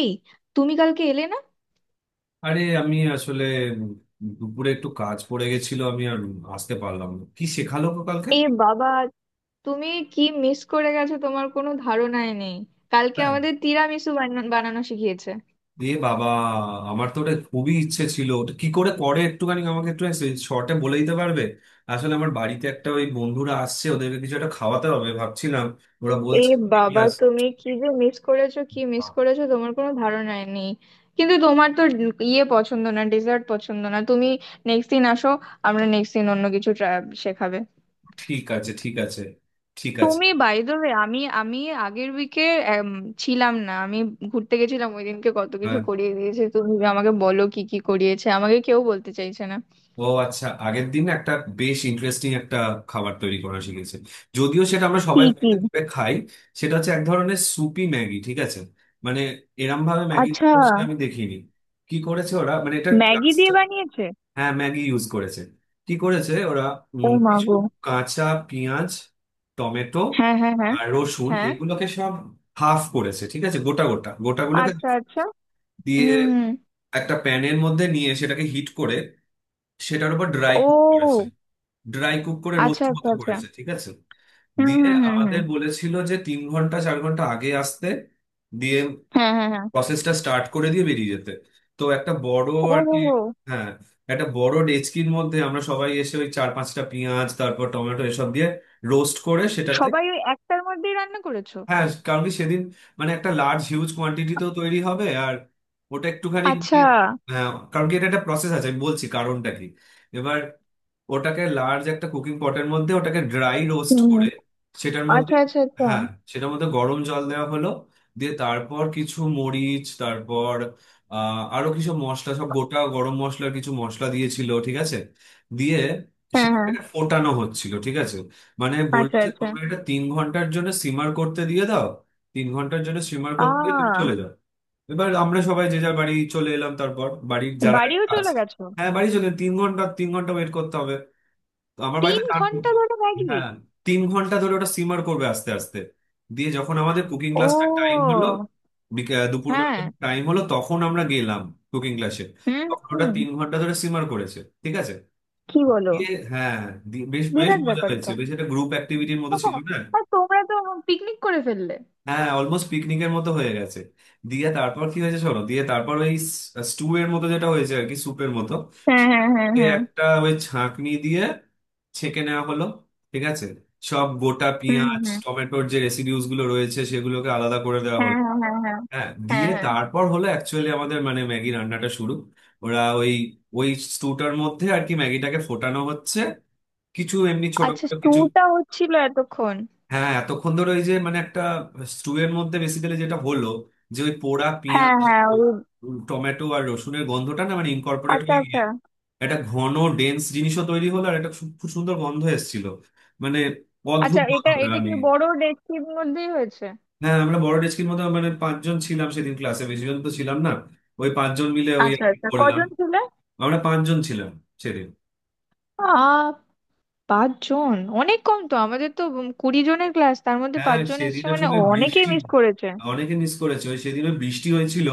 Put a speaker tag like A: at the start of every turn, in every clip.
A: এই, তুমি কালকে এলে না?
B: আরে আমি আসলে দুপুরে একটু কাজ পড়ে গেছিল, আমি আর আসতে পারলাম না। কি শেখালো গো কালকে?
A: এ বাবা, তুমি কি মিস করে গেছো তোমার কোনো ধারণাই নেই। কালকে
B: হ্যাঁ,
A: আমাদের তিরামিসু বানানো শিখিয়েছে।
B: এ বাবা, আমার তো ওটা খুবই ইচ্ছে ছিল। ওটা কি করে করে একটুখানি আমাকে একটু শর্টে বলে দিতে পারবে? আসলে আমার বাড়িতে একটা ওই বন্ধুরা আসছে, ওদেরকে কিছু একটা খাওয়াতে হবে ভাবছিলাম। ওরা
A: এ
B: বলছে ঠিক
A: বাবা,
B: আছে
A: তুমি কি যে মিস করেছো, কি মিস করেছো তোমার কোনো ধারণাই নেই। কিন্তু তোমার তো ইয়ে পছন্দ না, ডেজার্ট পছন্দ না তুমি। নেক্সট দিন আসো, আমরা নেক্সট দিন অন্য কিছু শেখাবে।
B: ঠিক আছে, ঠিক আছে ঠিক আছে।
A: তুমি বাই দ্য ওয়ে, আমি আমি আগের উইকে ছিলাম না আমি, ঘুরতে গেছিলাম। ওই দিনকে কত কিছু
B: হ্যাঁ,
A: করিয়ে দিয়েছে, তুমি আমাকে বলো কি কি করিয়েছে, আমাকে কেউ বলতে চাইছে না।
B: ও আচ্ছা, আগের দিন একটা বেশ ইন্টারেস্টিং একটা খাবার তৈরি করা শিখেছে, যদিও সেটা আমরা
A: কি
B: সবাই
A: কি?
B: বাড়িতে করে খাই। সেটা হচ্ছে এক ধরনের সুপি ম্যাগি, ঠিক আছে, মানে এরম ভাবে ম্যাগি
A: আচ্ছা,
B: সেটা আমি দেখিনি। কি করেছে ওরা, মানে এটা
A: ম্যাগি দিয়ে
B: ক্লাস্টার।
A: বানিয়েছে?
B: হ্যাঁ, ম্যাগি ইউজ করেছে। কি করেছে ওরা,
A: ও মা
B: কিছু
A: গো!
B: কাঁচা পেঁয়াজ, টমেটো
A: হ্যাঁ হ্যাঁ হ্যাঁ
B: আর রসুন,
A: হ্যাঁ।
B: এগুলোকে সব হাফ করেছে, ঠিক আছে, গোটা গোটা গোটাগুলোকে
A: আচ্ছা আচ্ছা।
B: দিয়ে
A: হুম হুম।
B: একটা প্যানের মধ্যে নিয়ে সেটাকে হিট করে, সেটার উপর ড্রাই কুক করেছে।
A: ও
B: ড্রাই কুক করে
A: আচ্ছা
B: রোস্ট
A: আচ্ছা
B: মতো
A: আচ্ছা।
B: করেছে, ঠিক আছে।
A: হুম
B: দিয়ে
A: হুম হুম হুম।
B: আমাদের বলেছিল যে 3 ঘন্টা 4 ঘন্টা আগে আসতে, দিয়ে
A: হ্যাঁ হ্যাঁ হ্যাঁ।
B: প্রসেসটা স্টার্ট করে দিয়ে বেরিয়ে যেতে। তো একটা বড়
A: ও
B: আর
A: হো
B: কি।
A: হো।
B: হ্যাঁ, একটা বড় ডেচকির মধ্যে আমরা সবাই এসে ওই চার পাঁচটা পেঁয়াজ, তারপর টমেটো, এসব দিয়ে রোস্ট করে সেটাতে।
A: সবাই ওই একটার মধ্যেই রান্না করেছো?
B: হ্যাঁ, কারণ কি সেদিন মানে একটা লার্জ হিউজ কোয়ান্টিটিতেও তৈরি হবে আর ওটা একটুখানি মানে।
A: আচ্ছা।
B: হ্যাঁ, কারণ কি এটা একটা প্রসেস আছে আমি বলছি কারণটা কি। এবার ওটাকে লার্জ একটা কুকিং পটের মধ্যে ওটাকে ড্রাই রোস্ট করে,
A: হুম।
B: সেটার মধ্যে,
A: আচ্ছা আচ্ছা আচ্ছা।
B: হ্যাঁ, সেটার মধ্যে গরম জল দেওয়া হলো। দিয়ে তারপর কিছু মরিচ, তারপর আরো কিছু মশলা, সব গোটা গরম মশলার কিছু মশলা দিয়েছিল, ঠিক আছে। দিয়ে
A: হ্যাঁ হ্যাঁ।
B: সেটাকে ফোটানো হচ্ছিল, ঠিক আছে। মানে বললো
A: আচ্ছা
B: যে
A: আচ্ছা।
B: তোমরা এটা 3 ঘন্টার জন্য সিমার করতে দিয়ে দাও, তিন ঘন্টার জন্য সিমার করতে দিয়ে তুমি
A: আ,
B: চলে যাও। এবার আমরা সবাই যে যার বাড়ি চলে এলাম, তারপর বাড়ির যারা
A: বাড়িও
B: কাজ।
A: চলে গেছো?
B: হ্যাঁ, বাড়ি চলে, 3 ঘন্টা 3 ঘন্টা ওয়েট করতে হবে। তো আমার
A: তিন
B: বাড়িতে জানতো।
A: ঘন্টা ধরে ম্যাগি?
B: হ্যাঁ, 3 ঘন্টা ধরে ওটা সিমার করবে আস্তে আস্তে। দিয়ে যখন আমাদের কুকিং
A: ও।
B: ক্লাসটা টাইম হলো, দুপুরবেলা
A: হ্যাঁ।
B: টাইম হলো, তখন আমরা গেলাম কুকিং ক্লাসে।
A: হুম
B: তখন
A: হুম
B: ওটা
A: হুম।
B: 3 ঘন্টা ধরে সিমার করেছে, ঠিক আছে।
A: কি বলো!
B: দিয়ে, হ্যাঁ, বেশ বেশ
A: বিরাট
B: মজা
A: ব্যাপার
B: হয়েছে,
A: তো।
B: বেশ একটা গ্রুপ অ্যাক্টিভিটির মতো ছিল
A: হ্যাঁ,
B: না।
A: আর তোমরা তো পিকনিক করে ফেললে।
B: হ্যাঁ, অলমোস্ট পিকনিকের মতো হয়ে গেছে। দিয়ে তারপর কি হয়েছে শোনো, দিয়ে তারপর ওই স্টু এর মতো যেটা হয়েছে আর কি, স্যুপের মতো।
A: হ্যাঁ হ্যাঁ হ্যাঁ
B: সেটাকে
A: হ্যাঁ।
B: একটা ওই ছাঁকনি দিয়ে ছেঁকে নেওয়া হলো, ঠিক আছে। সব গোটা
A: হুম
B: পেঁয়াজ
A: হুম।
B: টমেটোর যে রেসিডিউস গুলো রয়েছে সেগুলোকে আলাদা করে দেওয়া
A: হ্যাঁ
B: হলো।
A: হ্যাঁ হ্যাঁ হ্যাঁ।
B: হ্যাঁ,
A: হ্যাঁ
B: দিয়ে
A: হ্যাঁ।
B: তারপর হলো অ্যাকচুয়ালি আমাদের মানে ম্যাগি রান্নাটা শুরু। ওরা ওই ওই স্টুটার মধ্যে আর কি ম্যাগিটাকে ফোটানো হচ্ছে, কিছু এমনি
A: আচ্ছা,
B: ছোটখাটো কিছু।
A: স্টুটা হচ্ছিল এতক্ষণ?
B: হ্যাঁ, এতক্ষণ ধরে ওই যে মানে একটা স্টুয়ের মধ্যে বেসিক্যালি যেটা হলো, যে ওই পোড়া পেঁয়াজ
A: হ্যাঁ হ্যাঁ, ওই।
B: টমেটো আর রসুনের গন্ধটা না মানে ইনকর্পোরেট
A: আচ্ছা
B: হয়ে গিয়ে
A: আচ্ছা
B: একটা ঘন ডেন্স জিনিসও তৈরি হলো, আর একটা খুব খুব সুন্দর গন্ধ এসেছিল, মানে
A: আচ্ছা।
B: অদ্ভুত
A: এটা
B: গন্ধটা
A: এটা কি
B: আমি।
A: বড় ডেকচির মধ্যেই হয়েছে?
B: হ্যাঁ, আমরা বড় ডেস্কির মতো, মানে পাঁচজন ছিলাম সেদিন ক্লাসে, বেশি জন তো ছিলাম না। ওই পাঁচজন মিলে ওই আর
A: আচ্ছা
B: কি
A: আচ্ছা,
B: করলাম।
A: কজন ছিলে?
B: আমরা পাঁচজন ছিলাম সেদিন।
A: 5 জন! অনেক কম তো। আমাদের তো 20 জনের ক্লাস, তার মধ্যে
B: হ্যাঁ,
A: 5 জন
B: সেদিন
A: এসেছে মানে
B: আসলে
A: অনেকেই
B: বৃষ্টি,
A: মিস করেছে।
B: অনেকে মিস করেছে, ওই সেদিনও বৃষ্টি হয়েছিল।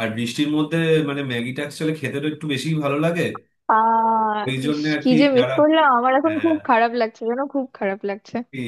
B: আর বৃষ্টির মধ্যে মানে ম্যাগিটা অ্যাকচুয়ালি খেতে তো একটু বেশি ভালো লাগে,
A: আহ।
B: ওই
A: ইস,
B: জন্য আর
A: কি
B: কি
A: যে মিস
B: যারা।
A: করলাম, আমার এখন খুব
B: হ্যাঁ,
A: খারাপ লাগছে জানো, খুব খারাপ লাগছে।
B: কি,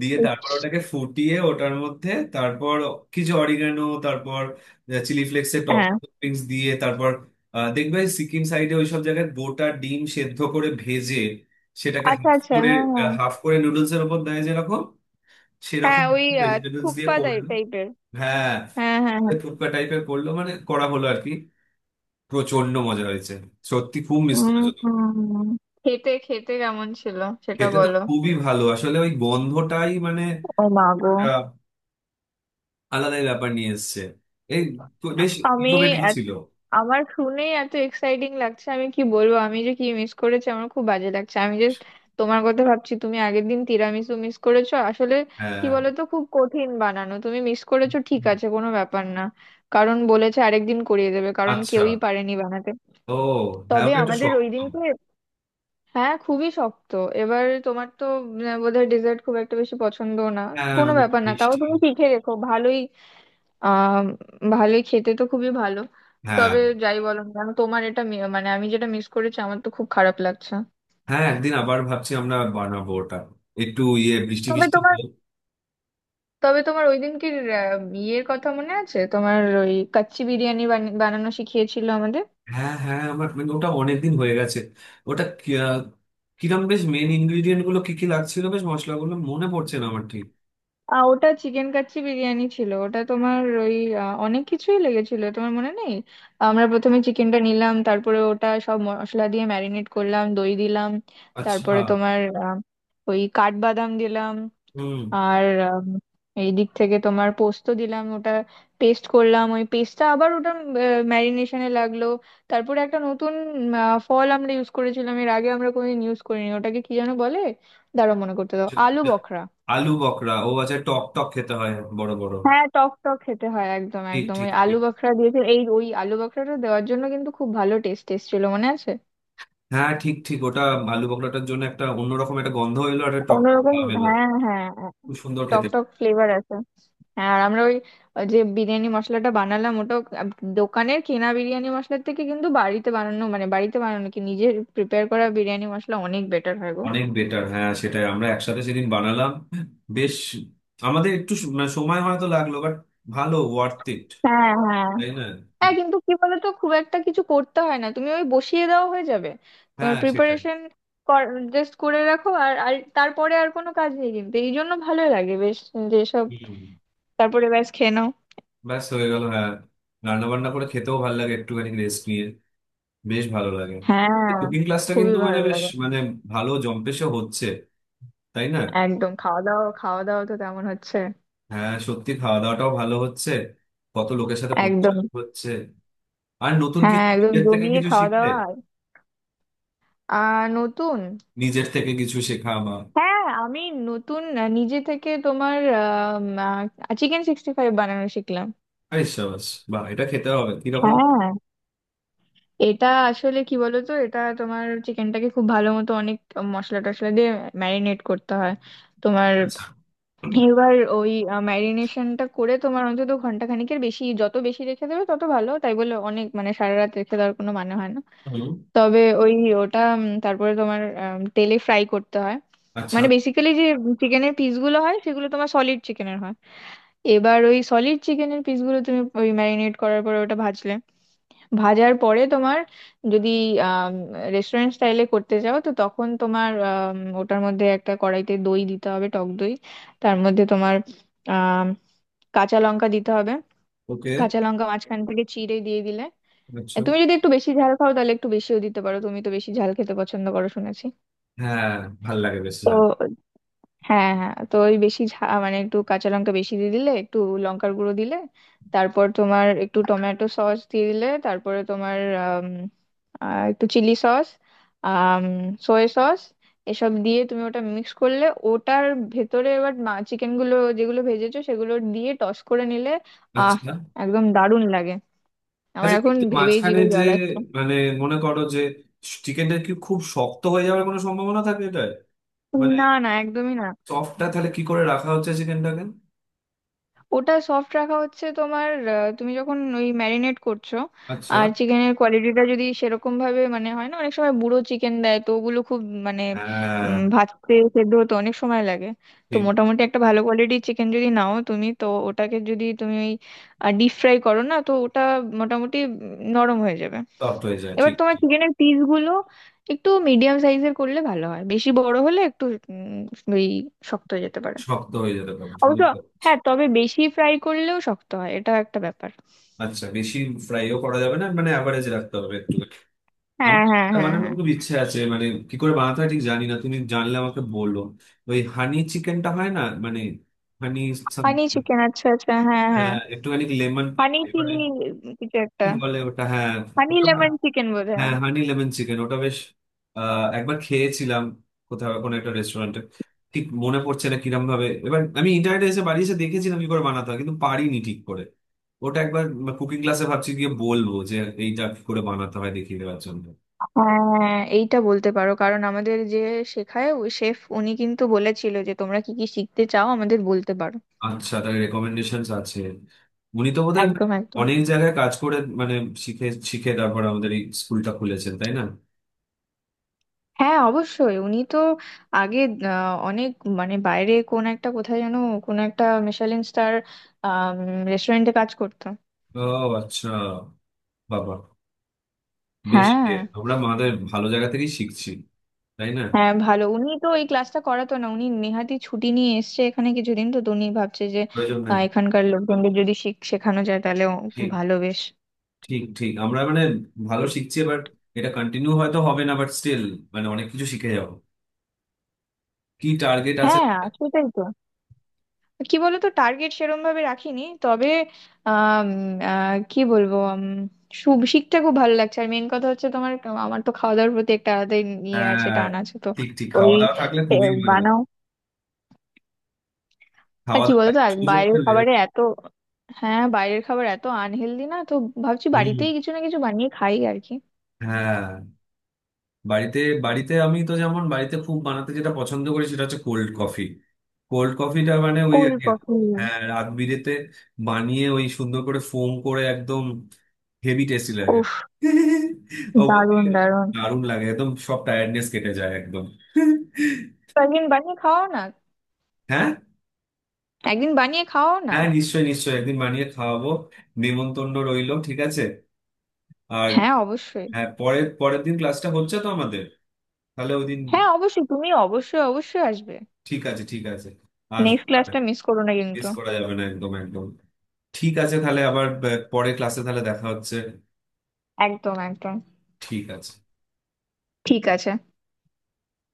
B: দিয়ে তারপর
A: ইস,
B: ওটাকে ফুটিয়ে ওটার মধ্যে, তারপর কিছু অরিগানো, তারপর চিলি ফ্লেক্সের
A: হ্যাঁ।
B: টপিংস দিয়ে, তারপর দেখবে সিকিম সাইডে ওইসব জায়গায় গোটা ডিম সেদ্ধ করে ভেজে সেটাকে
A: আচ্ছা
B: হাফ
A: আচ্ছা,
B: করে,
A: হ্যাঁ হ্যাঁ
B: হাফ করে নুডলস এর উপর দেয় যেরকম,
A: হ্যাঁ।
B: সেরকম
A: ওই
B: ভেজিটেবলস দিয়ে
A: থুপ্পা টাই
B: করলো।
A: টাইপের।
B: হ্যাঁ,
A: হ্যাঁ হ্যাঁ হ্যাঁ।
B: ফুটকা টাইপের করলো মানে করা হলো আর কি। প্রচন্ড মজা হয়েছে। সত্যি খুব মিস
A: উম
B: করেছো তো।
A: হুম। খেতে খেতে কেমন ছিল সেটা
B: খেতে তো
A: বলো।
B: খুবই ভালো, আসলে ওই গন্ধটাই মানে
A: ও মা গো!
B: একটা আলাদাই ব্যাপার নিয়ে এসছে। এই তো বেশ
A: আমি,
B: ইনোভেটিভ ছিল।
A: আমার শুনেই এত এক্সাইটিং লাগছে, আমি কি বলবো, আমি যে কি মিস করেছি, আমার খুব বাজে লাগছে। আমি জাস্ট তোমার কথা ভাবছি, তুমি আগের দিন তিরামিসু মিস করেছো আসলে। কি
B: হ্যাঁ।
A: বলতো, খুব কঠিন বানানো, তুমি মিস করেছো ঠিক
B: হুম।
A: আছে, কোনো ব্যাপার না। কারণ বলেছে আরেকদিন করিয়ে দেবে কারণ
B: আচ্ছা।
A: কেউই পারেনি বানাতে।
B: ও। হ্যাঁ,
A: তবে
B: ওটা একটা
A: আমাদের
B: শখ।
A: ওই দিনকে, হ্যাঁ, খুবই শক্ত। এবার তোমার তো বোধহয় ডেজার্ট খুব একটা বেশি পছন্দ না।
B: হ্যাঁ,
A: কোনো ব্যাপার না, তাও
B: মিষ্টি।
A: তুমি শিখে রেখো, ভালোই। আহ, ভালোই, খেতে তো খুবই ভালো।
B: হ্যাঁ,
A: তবে যাই বলো না কেন, তোমার এটা মানে আমি যেটা মিস করেছি আমার তো খুব খারাপ লাগছে।
B: হ্যাঁ, একদিন আবার ভাবছি আমরা বানাবো ওটা, একটু ইয়ে, বৃষ্টি
A: তবে
B: বৃষ্টি।
A: তোমার, তবে তোমার ওই দিন কি আহ, ইয়ের কথা মনে আছে, তোমার ওই কাচ্চি বিরিয়ানি বানানো শিখিয়েছিল আমাদের?
B: হ্যাঁ হ্যাঁ, আমার মানে ওটা অনেকদিন হয়ে গেছে। ওটা কি- আহ, কিরম বেশ মেন ইনগ্রিডিয়েন্ট গুলো কি কি লাগছিল, বেশ মশলাগুলো মনে পড়ছে না আমার ঠিক।
A: আহ, ওটা চিকেন কাচ্চি বিরিয়ানি ছিল ওটা। তোমার ওই অনেক কিছুই লেগেছিল, তোমার মনে নেই? আমরা প্রথমে চিকেনটা নিলাম, তারপরে ওটা সব মশলা দিয়ে ম্যারিনেট করলাম, দই দিলাম।
B: আচ্ছা।
A: তারপরে তোমার ওই কাঠবাদাম দিলাম।
B: হুম।
A: আর উম, এই দিক থেকে তোমার পোস্ত দিলাম, ওটা পেস্ট করলাম, ওই পেস্টটা আবার ওটা ম্যারিনেশনে লাগলো। তারপরে একটা নতুন ফল আমরা ইউজ করেছিলাম, এর আগে আমরা কোনোদিন ইউজ করিনি। ওটাকে কি যেন বলে, দাঁড়াও মনে করতে দাও,
B: আচ্ছা,
A: আলু
B: আচ্ছা।
A: বখরা।
B: আলু বকরা, ও আচ্ছা, টক টক খেতে হয়, বড় বড়।
A: হ্যাঁ, টক টক খেতে হয় একদম
B: ঠিক
A: একদম।
B: ঠিক
A: ওই আলু
B: ঠিক।
A: বখরা দিয়েছে, এই ওই আলু বখরাটা দেওয়ার জন্য কিন্তু খুব ভালো, টেস্ট টেস্ট ছিল মনে আছে।
B: হ্যাঁ, ঠিক ঠিক, ওটা আলু বকরাটার জন্য একটা অন্যরকম একটা গন্ধ এলো আর একটা টক টক
A: অন্যরকম,
B: ভাব এলো,
A: হ্যাঁ হ্যাঁ হ্যাঁ।
B: খুব সুন্দর
A: টক
B: খেতে।
A: টক ফ্লেভার আছে। হ্যাঁ। আর আমরা ওই, ওই যে বিরিয়ানি মশলাটা বানালাম ওটা, দোকানের কেনা বিরিয়ানি মশলার থেকে কিন্তু বাড়িতে বানানো, মানে বাড়িতে বানানো কি নিজের প্রিপেয়ার করা বিরিয়ানি মশলা অনেক বেটার হয় গো।
B: অনেক বেটার, হ্যাঁ সেটাই আমরা একসাথে সেদিন বানালাম, বেশ। আমাদের একটু মানে সময় হয়তো লাগলো, বাট ভালো, ওয়ার্থ ইট,
A: হ্যাঁ হ্যাঁ
B: তাই না।
A: হ্যাঁ। কিন্তু কি বলতো, খুব একটা কিছু করতে হয় না, তুমি ওই বসিয়ে দেওয়া হয়ে যাবে। তোমার
B: হ্যাঁ সেটাই।
A: প্রিপারেশন জাস্ট করে রাখো আর আর তারপরে আর কোনো কাজ নেই, কিন্তু এই জন্য ভালো লাগে বেশ। যেসব,
B: হুম।
A: তারপরে ব্যাস খেয়ে নাও।
B: ব্যাস হয়ে গেল, হ্যাঁ। রান্না বান্না করে খেতেও ভালো লাগে একটুখানি রেস্ট নিয়ে, বেশ ভালো লাগে।
A: হ্যাঁ,
B: কুকিং ক্লাসটা
A: খুবই
B: কিন্তু মানে
A: ভালো
B: বেশ
A: লাগে।
B: মানে ভালো জম্পেশে হচ্ছে, তাই না।
A: একদম। খাওয়া দাওয়া, খাওয়া দাওয়া তো তেমন হচ্ছে।
B: হ্যাঁ সত্যি খাওয়া দাওয়াটাও ভালো হচ্ছে, কত লোকের সাথে
A: একদম।
B: পরিচয় হচ্ছে, আর নতুন
A: হ্যাঁ
B: কিছু
A: একদম,
B: নিজের থেকে
A: জমিয়ে
B: কিছু
A: খাওয়া
B: শিখলে,
A: দাওয়া আর নতুন,
B: নিজের থেকে কিছু শেখা আমার।
A: হ্যাঁ। আমি নতুন নিজে থেকে তোমার Chicken 65 বানানো শিখলাম।
B: আরে সাবাস, বাহ, এটা খেতে হবে কিরকম।
A: হ্যাঁ। এটা আসলে কি বলতো, এটা তোমার চিকেনটাকে খুব ভালো মতো অনেক মশলা টশলা দিয়ে ম্যারিনেট করতে হয় তোমার।
B: আচ্ছা।
A: এবার ওই ম্যারিনেশনটা করে তোমার অন্তত ঘন্টা খানিকের বেশি, যত বেশি রেখে দেবে তত ভালো, তাই বলে অনেক মানে সারা রাত রেখে দেওয়ার কোনো মানে হয় না।
B: হুম,
A: তবে ওই ওটা তারপরে তোমার তেলে ফ্রাই করতে হয়।
B: আচ্ছা।
A: মানে বেসিক্যালি যে চিকেনের পিসগুলো হয় সেগুলো তোমার সলিড চিকেনের হয়। এবার ওই সলিড চিকেনের পিসগুলো তুমি ওই ম্যারিনেট করার পরে ওটা ভাজলে। ভাজার পরে তোমার, যদি রেস্টুরেন্ট স্টাইলে করতে চাও তো তখন তোমার ওটার মধ্যে একটা কড়াইতে দই দিতে হবে, টক দই। তার মধ্যে তোমার আম, কাঁচা লঙ্কা দিতে হবে,
B: ওকে।
A: কাঁচা লঙ্কা মাঝখান থেকে চিড়ে দিয়ে দিলে। এ,
B: আচ্ছা।
A: তুমি যদি একটু বেশি ঝাল খাও তাহলে একটু বেশিও দিতে পারো, তুমি তো বেশি ঝাল খেতে পছন্দ করো শুনেছি।
B: হ্যাঁ, ভাল লাগে, বেশ
A: তো
B: ভালো।
A: হ্যাঁ হ্যাঁ, তো ওই বেশি ঝাল মানে একটু কাঁচা লঙ্কা বেশি দিয়ে দিলে, একটু লঙ্কার গুঁড়ো দিলে, তারপর তোমার একটু টমেটো সস দিয়ে দিলে, তারপরে তোমার আম, একটু চিলি সস, সয়া সস, এসব দিয়ে তুমি ওটা মিক্স করলে ওটার ভেতরে। এবার চিকেন গুলো যেগুলো ভেজেছো সেগুলো দিয়ে টস করে নিলে। আহ,
B: আচ্ছা,
A: একদম দারুণ লাগে। আমার
B: আচ্ছা,
A: এখন
B: কিন্তু
A: ভেবেই
B: মাঝখানে
A: জিভে
B: যে
A: জল আসছে।
B: মানে মনে করো যে চিকেনটা কি খুব শক্ত হয়ে যাওয়ার কোনো সম্ভাবনা থাকে এটা মানে?
A: না না, একদমই না।
B: সফটটা তাহলে কি করে রাখা হচ্ছে চিকেনটাকে?
A: ওটা সফট রাখা হচ্ছে তোমার তুমি যখন ওই ম্যারিনেট করছো।
B: আচ্ছা।
A: আর চিকেনের কোয়ালিটিটা যদি সেরকম ভাবে, মানে হয় না অনেক সময় বুড়ো চিকেন দেয় তো ওগুলো খুব, মানে
B: হ্যাঁ,
A: ভাজতে সেদ্ধ হতে অনেক সময় লাগে। তো
B: ঠিক।
A: মোটামুটি একটা ভালো কোয়ালিটির চিকেন যদি নাও তুমি তো ওটাকে, যদি তুমি ওই ডিপ ফ্রাই করো না তো ওটা মোটামুটি নরম হয়ে যাবে।
B: তপ্ত হয়ে যায়,
A: এবার
B: ঠিক
A: তোমার
B: ঠিক।
A: চিকেনের পিসগুলো একটু মিডিয়াম সাইজের করলে ভালো হয়, বেশি বড় হলে একটু ওই শক্ত হয়ে যেতে পারে
B: শক্ত হয়ে যেতে পারে,
A: অবশ্য।
B: বুঝতে পারছি।
A: হ্যাঁ, তবে বেশি ফ্রাই করলেও শক্ত হয়, এটাও একটা ব্যাপার।
B: আচ্ছা, বেশি ফ্রাইও করা যাবে না মানে, অ্যাভারেজ রাখতে হবে একটু। আমার
A: হ্যাঁ হ্যাঁ
B: একটা
A: হ্যাঁ হ্যাঁ।
B: বানানোর খুব ইচ্ছে আছে মানে, কি করে বানাতে হয় ঠিক জানি না, তুমি জানলে আমাকে বলো। ওই হানি চিকেনটা হয় না মানে, হানি সাম-
A: হানি চিকেন, আচ্ছা আচ্ছা, হ্যাঁ হ্যাঁ।
B: একটুখানি লেমন,
A: হানি চিলি, কিছু
B: কি
A: একটা,
B: বলে ওটা, হ্যাঁ
A: হানি
B: ওটা,
A: লেমন চিকেন বোধহয়।
B: হ্যাঁ হানি লেমন চিকেন, ওটা বেশ, একবার খেয়েছিলাম কোথাও কোনো একটা রেস্টুরেন্টে। ঠিক মনে পড়ছে না কিরম ভাবে, এবার আমি ইন্টারনেটে এসে বাড়ি এসে দেখেছিলাম কি করে বানাতে হয়, কিন্তু পারিনি ঠিক করে। ওটা একবার কুকিং ক্লাসে ভাবছি গিয়ে বলবো যে এইটা কি করে বানাতে হয় দেখিয়ে দেওয়ার জন্য।
A: হ্যাঁ, এইটা বলতে পারো, কারণ আমাদের যে শেখায় ওই শেফ, উনি কিন্তু বলেছিল যে তোমরা কি কি শিখতে চাও আমাদের বলতে পারো।
B: আচ্ছা, তার রেকমেন্ডেশন আছে। উনি তো বোধহয়
A: একদম একদম।
B: অনেক জায়গায় কাজ করে মানে শিখে শিখে তারপর আমাদের এই স্কুলটা খুলেছেন, তাই না।
A: হ্যাঁ, অবশ্যই উনি তো আগে অনেক, মানে বাইরে কোন একটা, কোথায় যেন, কোন একটা মিশেলিন স্টার রেস্টুরেন্টে কাজ করতো।
B: ও আচ্ছা, বাবা, বেশ,
A: হ্যাঁ।
B: এ, আমরা আমাদের ভালো জায়গা থেকেই শিখছি, তাই না।
A: হ্যাঁ, ভালো। উনি তো এই ক্লাসটা করাতো না, উনি নেহাতি ছুটি নিয়ে এসেছে এখানে কিছুদিন, তো তো উনি ভাবছে যে
B: প্রয়োজন নেই।
A: এখানকার লোকজনদের যদি শেখানো যায় তাহলে
B: ঠিক
A: ভালো, বেশ।
B: ঠিক ঠিক, আমরা মানে ভালো শিখছি। এবার এটা কন্টিনিউ হয়তো হবে না বাট স্টিল মানে অনেক কিছু শিখে যাবো। কি টার্গেট আছে।
A: হ্যাঁ সেটাই তো। কি বলতো, টার্গেট সেরম ভাবে রাখিনি, তবে আম, কি বলবো, শিখতে খুব ভালো লাগছে আর মেন কথা হচ্ছে তোমার, আমার তো খাওয়া দাওয়ার প্রতি একটা আলাদাই ইয়ে আছে,
B: হ্যাঁ,
A: টান আছে তো।
B: ঠিক ঠিক,
A: ওই
B: খাওয়া দাওয়া থাকলে
A: এ,
B: খুবই মানে,
A: বানাও। আর
B: খাওয়া
A: কি
B: দাওয়ার
A: বলতো,
B: একটা
A: আর
B: সুযোগ
A: বাইরের
B: পেলে।
A: খাবারে এত, হ্যাঁ বাইরের খাবার এত আনহেলদি না তো, ভাবছি
B: হুম।
A: বাড়িতেই কিছু না কিছু বানিয়ে খাই আর কি।
B: হ্যাঁ, বাড়িতে, বাড়িতে আমি তো, যেমন বাড়িতে খুব বানাতে যেটা পছন্দ করি সেটা হচ্ছে কোল্ড কফি। কোল্ড কফিটা মানে ওই
A: কোল
B: আর কি,
A: পকোড়ি!
B: হ্যাঁ, রাত বিরেতে বানিয়ে ওই সুন্দর করে ফোম করে একদম, হেভি টেস্টি লাগে।
A: উফ!
B: অপর
A: দারুণ
B: দিকে
A: দারুণ।
B: দারুণ লাগে, একদম সব টায়ার্ডনেস কেটে যায় একদম।
A: তো একদিন বানিয়ে খাওয়াও না।
B: হ্যাঁ,
A: একদিন বানিয়ে খাওয়াও না।
B: হ্যাঁ, নিশ্চয়ই নিশ্চয়ই, একদিন বানিয়ে খাওয়াবো, নেমন্তন্ন রইলো, ঠিক আছে। আর,
A: হ্যাঁ অবশ্যই।
B: হ্যাঁ, পরের পরের দিন ক্লাসটা হচ্ছে তো আমাদের, তাহলে ওই দিন।
A: হ্যাঁ অবশ্যই, তুমি অবশ্যই অবশ্যই আসবে।
B: ঠিক আছে ঠিক আছে, আসবো
A: নেক্সট
B: তাহলে।
A: ক্লাসটা মিস করো না
B: মিস
A: কিন্তু।
B: করা যাবে না, একদম একদম। ঠিক আছে, তাহলে আবার পরের ক্লাসে তাহলে দেখা হচ্ছে।
A: একদম একদম।
B: ঠিক আছে।
A: ঠিক আছে।